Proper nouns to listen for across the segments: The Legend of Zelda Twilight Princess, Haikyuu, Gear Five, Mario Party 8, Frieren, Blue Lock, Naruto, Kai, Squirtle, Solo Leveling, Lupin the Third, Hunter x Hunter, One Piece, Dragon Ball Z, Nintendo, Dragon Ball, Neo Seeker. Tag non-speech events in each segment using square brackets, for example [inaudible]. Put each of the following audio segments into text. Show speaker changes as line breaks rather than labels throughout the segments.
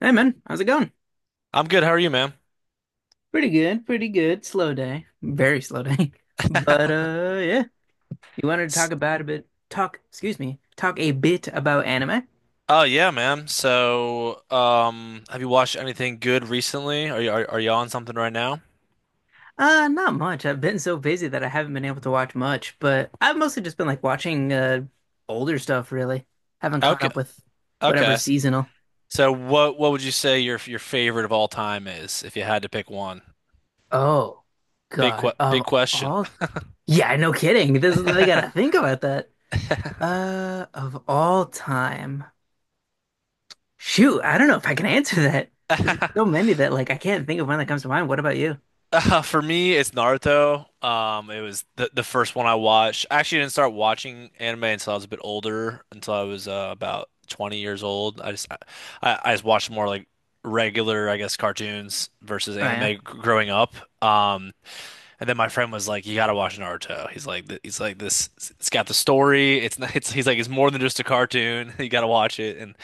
Hey man, how's it going?
I'm good. How are you, ma'am?
Pretty good, pretty good. Slow day. Very slow day. [laughs] But uh yeah, you wanted to talk
S-
about a bit talk, excuse me, talk a bit about anime?
Oh yeah, ma'am. So, have you watched anything good recently? Are you on something right now?
Not much. I've been so busy that I haven't been able to watch much, but I've mostly just been like watching older stuff really. Haven't caught
Okay,
up with whatever
okay.
seasonal.
So, what would you say your favorite of all time is, if you had to pick one?
Oh God,
Big
of
question.
all. Yeah, no kidding. This is I gotta
[laughs]
think about that. Of all time. Shoot, I don't know if I can answer that because there's so many that like I can't think of one that comes to mind. What about you?
[laughs] For me, it's Naruto. It was the first one I watched. I actually didn't start watching anime until I was a bit older, until I was about 20 years old. I just watched more like regular, I guess, cartoons versus
I
anime
am
growing up. Um, and then my friend was like, "You gotta watch Naruto." He's like, "He's like this. It's got the story. It's not. It's he's like it's more than just a cartoon. [laughs] You gotta watch it." And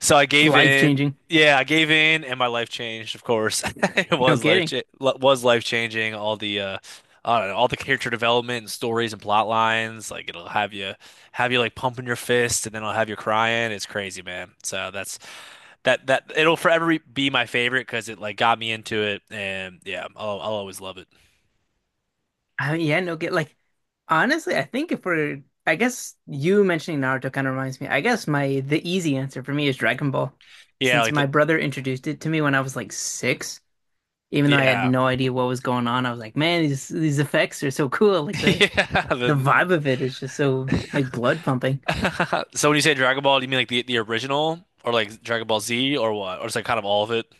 so I gave
life
in.
changing.
Yeah, I gave in, and my life changed. Of course, [laughs] it
No
was
kidding.
life changing. All the I don't know, all the character development and stories and plot lines. Like it'll have you like pumping your fist, and then it'll have you crying. It's crazy, man. So that it'll forever be my favorite because it like got me into it, and yeah, I'll always love it.
I mean, yeah, no get like Honestly, I think if we're I guess you mentioning Naruto kind of reminds me. I guess my the easy answer for me is Dragon Ball,
Yeah,
since
like
my
the
brother introduced it to me when I was like six. Even though I had
yeah
no idea what was going on, I was like, man, these effects are so cool. Like
[laughs]
the
yeah.
the vibe of it is just so like blood pumping.
[laughs] So when you say Dragon Ball, do you mean like the original or like Dragon Ball Z or what? Or it's like kind of all of it?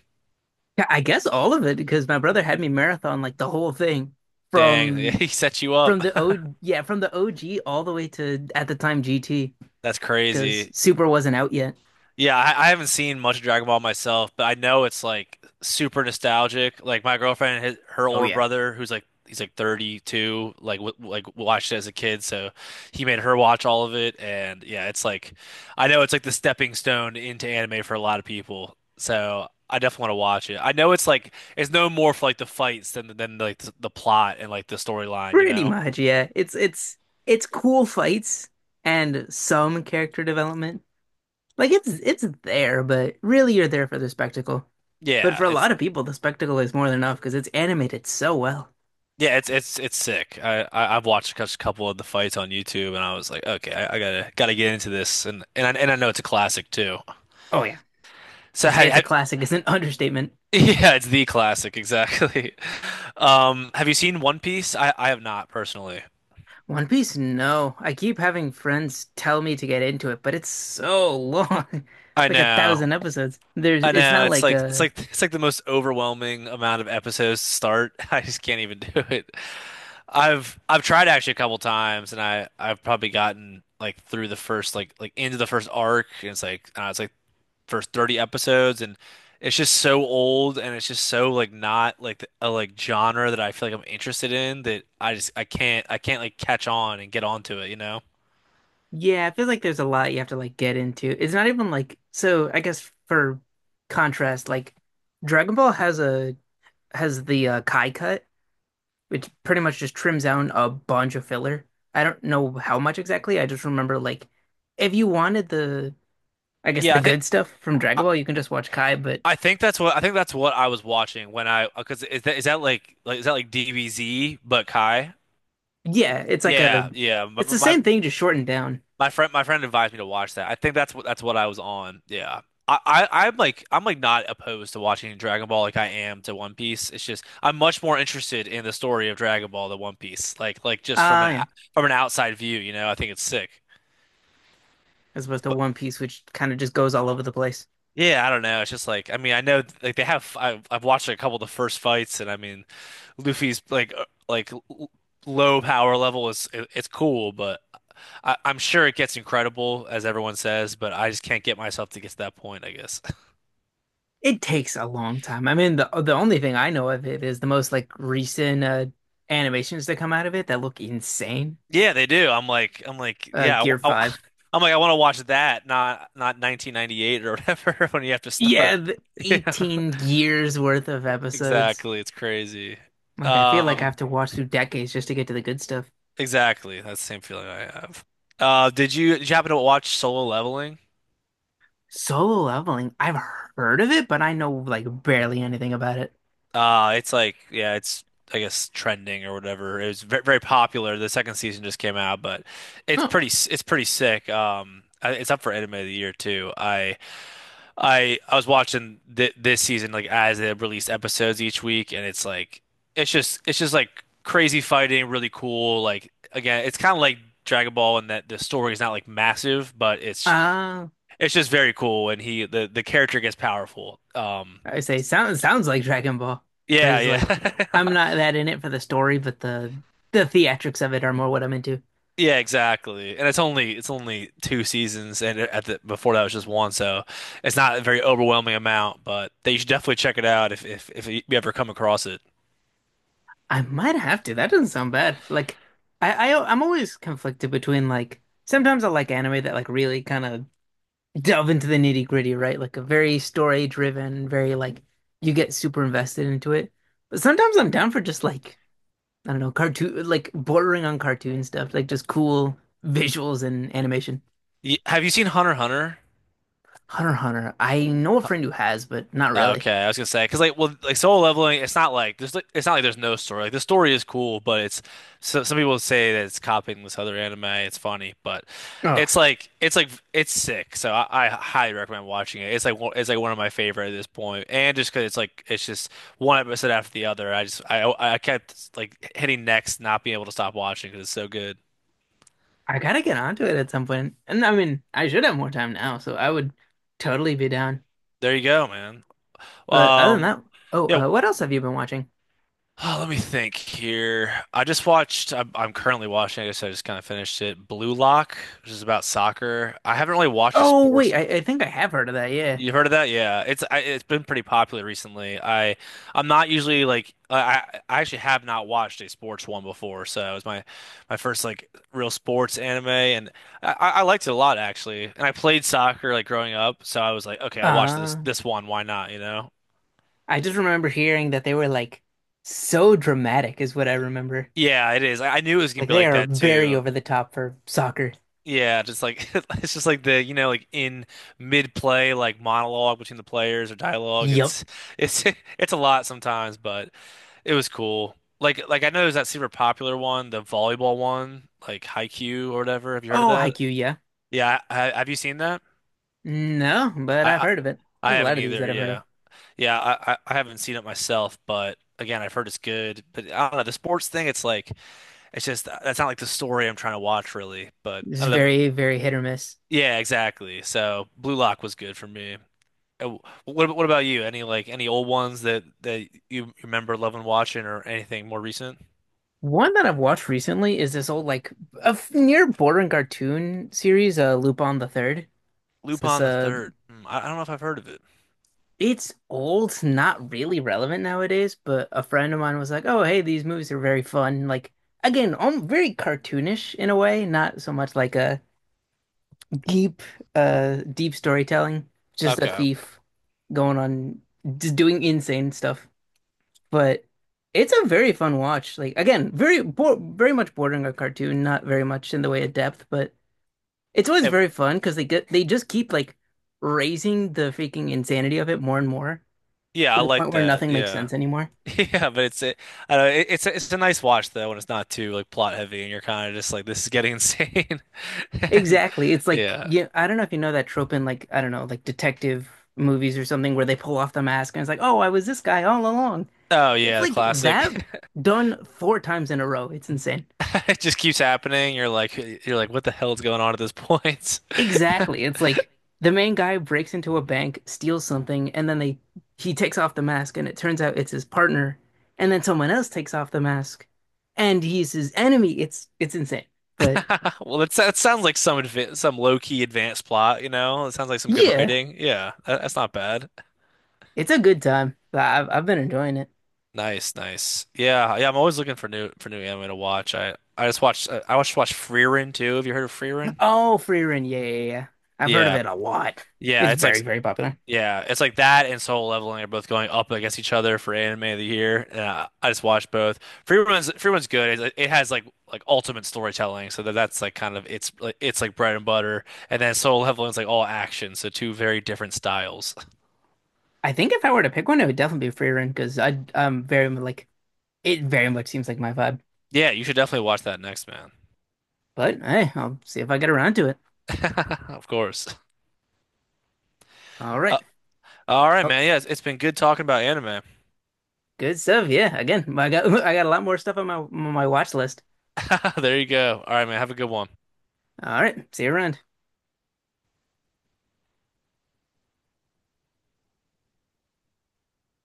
Yeah, I guess all of it because my brother had me marathon like the whole thing
Dang, [laughs]
from
he set you up.
the O yeah from the OG all the way to at the time GT,
[laughs] That's
because
crazy.
Super wasn't out yet.
Yeah, I haven't seen much of Dragon Ball myself, but I know it's like super nostalgic. Like my girlfriend, her
Oh
older
yeah,
brother, who's like he's like 32, like watched it as a kid, so he made her watch all of it. And yeah, it's like I know it's like the stepping stone into anime for a lot of people. So I definitely want to watch it. I know it's like it's no more for like the fights than like the plot and like the storyline, you
pretty
know?
much yeah. It's cool fights and some character development. Like it's there, but really you're there for the spectacle. But for
Yeah,
a
it's
lot of people, the spectacle is more than enough because it's animated so well.
Yeah, it's it's sick. I've watched a couple of the fights on YouTube, and I was like, okay, I gotta get into this, and I know it's a classic too.
Oh yeah, to
So
say it's a classic is an [laughs] understatement.
[laughs] yeah, it's the classic exactly. [laughs] Have you seen One Piece? I have not personally.
One Piece, no. I keep having friends tell me to get into it, but it's so long. [laughs]
I
It's like a
know,
thousand episodes. There's,
I
it's
know.
not like a,
It's like the most overwhelming amount of episodes to start. [laughs] I just can't even [laughs] do it. I've tried actually a couple times, and I've probably gotten like through the first like into the first arc, and it's like I don't know, it's like first 30 episodes and it's just so old and it's just so like not like th- a like genre that I feel like I'm interested in that I just I can't like catch on and get onto it, you know?
yeah, I feel like there's a lot you have to like get into. It's not even like, so I guess for contrast, like Dragon Ball has the Kai cut, which pretty much just trims down a bunch of filler. I don't know how much exactly. I just remember like, if you wanted the, I guess
Yeah,
the
I think
good stuff from
I,
Dragon Ball, you can just watch Kai, but
I think that's what I think that's what I was watching when I because is that like is that like DBZ but Kai?
yeah,
Yeah, yeah.
it's the same thing, just shortened down.
My friend advised me to watch that. I think that's what I was on. Yeah, I, I'm like I'm like not opposed to watching Dragon Ball like I am to One Piece. It's just I'm much more interested in the story of Dragon Ball than One Piece. Like just from
Ah, yeah,
from an outside view, you know, I think it's sick.
as opposed to
But
One Piece, which kind of just goes all over the place.
yeah, I don't know. It's just like I mean I know like they have I've watched a couple of the first fights, and I mean Luffy's like low power level it's cool, but I'm sure it gets incredible as everyone says, but I just can't get myself to get to that point, I guess. [laughs]
It takes a long time. I mean, the only thing I know of it is the most like recent animations that come out of it that look insane.
Yeah, they do. I'm like yeah,
Gear
am
Five.
[laughs] like I want to watch that, not not 1998 or whatever [laughs] when you have to
Yeah,
start.
the
[laughs] Yeah,
18 years worth of episodes.
exactly. It's crazy.
Like, I feel like I have
Um,
to watch through decades just to get to the good stuff.
exactly. That's the same feeling I have. Did you did you happen to watch Solo Leveling?
Solo Leveling, I've heard of it, but I know like barely anything about it.
It's like, yeah, I guess, trending or whatever. It was very, very popular. The second season just came out, but it's pretty sick. It's up for anime of the year too. I was watching th this season like as they released episodes each week, and it's like, it's just like crazy fighting, really cool. Like again, it's kind of like Dragon Ball in that the story is not like massive,
Oh.
it's just very cool. And the character gets powerful.
I would say sounds like Dragon Ball.
Yeah,
Whereas like I'm
yeah.
not
[laughs]
that in it for the story, but the theatrics of it are more what I'm into.
Yeah, exactly. And it's only two seasons, and at the before that was just one, so it's not a very overwhelming amount. But they should definitely check it out if you ever come across it.
I might have to. That doesn't sound bad. Like I I'm always conflicted between like sometimes I like anime that like really kind of delve into the nitty gritty, right? Like a very story driven, very like you get super invested into it. But sometimes I'm down for just like I don't know, cartoon like bordering on cartoon stuff, like just cool visuals and animation.
Have you seen Hunter x Hunter?
Hunter x Hunter. I know a friend who has, but not
Oh,
really.
okay. I was gonna say because like well like Solo Leveling, it's not like there's like it's not like there's no story. Like the story is cool, but it's so some people say that it's copying this other anime. It's funny, but
Oh,
it's like it's sick, so I highly recommend watching it. It's like it's like one of my favorite at this point, and just because it's like it's just one episode after the other. I just I kept like hitting next, not being able to stop watching because it's so good.
I gotta get onto it at some point. And I mean, I should have more time now, so I would totally be down.
There you go, man.
But other than
um
that, oh,
yeah.
what else have you been watching?
Oh, let me think here. I'm currently watching, I guess I just kind of finished it, Blue Lock, which is about soccer. I haven't really watched a
Oh, wait,
sports.
I think I have heard of that, yeah.
You've heard of that? Yeah. It's been pretty popular recently. I'm not usually like I actually have not watched a sports one before, so it was my my first like real sports anime, and I liked it a lot actually. And I played soccer like growing up, so I was like, okay, I'll watch
Uh,
this one, why not, you know?
I just remember hearing that they were like so dramatic, is what I remember.
Yeah, it is. I knew it was gonna
Like
be
they
like
are
that
very
too.
over the top for soccer.
Yeah, just like [laughs] it's just like the you know like in mid play like monologue between the players or dialogue.
Yup.
It's [laughs] it's a lot sometimes, but it was cool. Like I know there's that super popular one, the volleyball one, like Haikyuu or whatever. Have you heard of
Oh,
that?
Haikyuu, yeah.
Yeah, have you seen that?
No, but
I,
I've
I
heard of it.
I
There's a lot
haven't
of these
either.
that I've heard of.
Yeah, yeah, I I haven't seen it myself, but again, I've heard it's good. But I don't know, the sports thing, it's like it's just that's not like the story I'm trying to watch really. But
It's
I don't know.
very, very hit or miss.
Yeah, exactly. So Blue Lock was good for me. Uh, What about you? Any like any old ones that you remember loving watching or anything more recent?
One that I've watched recently is this old like near bordering cartoon series, Lupin the Third. It's this
Lupin the Third. Hmm, I don't know if I've heard of it.
it's old, it's not really relevant nowadays. But a friend of mine was like, "Oh, hey, these movies are very fun." Like again, very cartoonish in a way, not so much like a deep, deep storytelling. Just a
Okay.
thief going on, just doing insane stuff. But it's a very fun watch. Like again, very much bordering a cartoon, not very much in the way of depth, but it's always
Eh,
very fun because they just keep like raising the freaking insanity of it more and more,
yeah, I
to the
like
point where
that.
nothing makes
Yeah.
sense anymore.
[laughs] Yeah, I don't know, it's a nice watch though when it's not too like plot heavy and you're kind of just like this is getting insane. [laughs] And
Exactly. It's like
yeah.
yeah, I don't know if you know that trope in like I don't know, like detective movies or something where they pull off the mask and it's like, "Oh, I was this guy all along."
Oh
It's
yeah, the
like
classic.
that
[laughs]
done four times in a row. It's insane.
It just keeps happening. You're like what the hell's going on at this point? [laughs]
Exactly. It's like the main guy breaks into a bank, steals something, and then they he takes off the mask and it turns out it's his partner, and then someone else takes off the mask and he's his enemy. It's insane. But
[laughs] Well, that sounds like some low key advanced plot, you know? It sounds like some good
yeah,
writing. Yeah, that's not bad.
it's a good time. I've been enjoying it.
Nice, nice. Yeah, yeah. I'm always looking for new anime to watch. I just watched I watched watched Frieren too. Have you heard of Frieren?
Oh, Free Run. Yeah, yeah, yeah. I've heard of
Yeah,
it a lot.
yeah.
It's
It's like
very, very popular.
yeah, it's like that and Soul Leveling are both going up against each other for anime of the year. And I just watched both. Free Run's good. It has like ultimate storytelling, so that that's like kind of it's like bread and butter. And then Soul Leveling's like all action, so two very different styles.
I think if I were to pick one, it would definitely be Free run because I'm very like it very much seems like my vibe.
Yeah, you should definitely watch that next, man.
But hey, I'll see if I get around to it.
[laughs] Of course.
All right.
Uh, all right,
Oh,
man. Yeah, it's been good talking about anime.
good stuff. Yeah. Again, I got [laughs] I got a lot more stuff on my watch list.
[laughs] There you go. All right, man. Have a good one.
All right. See you around.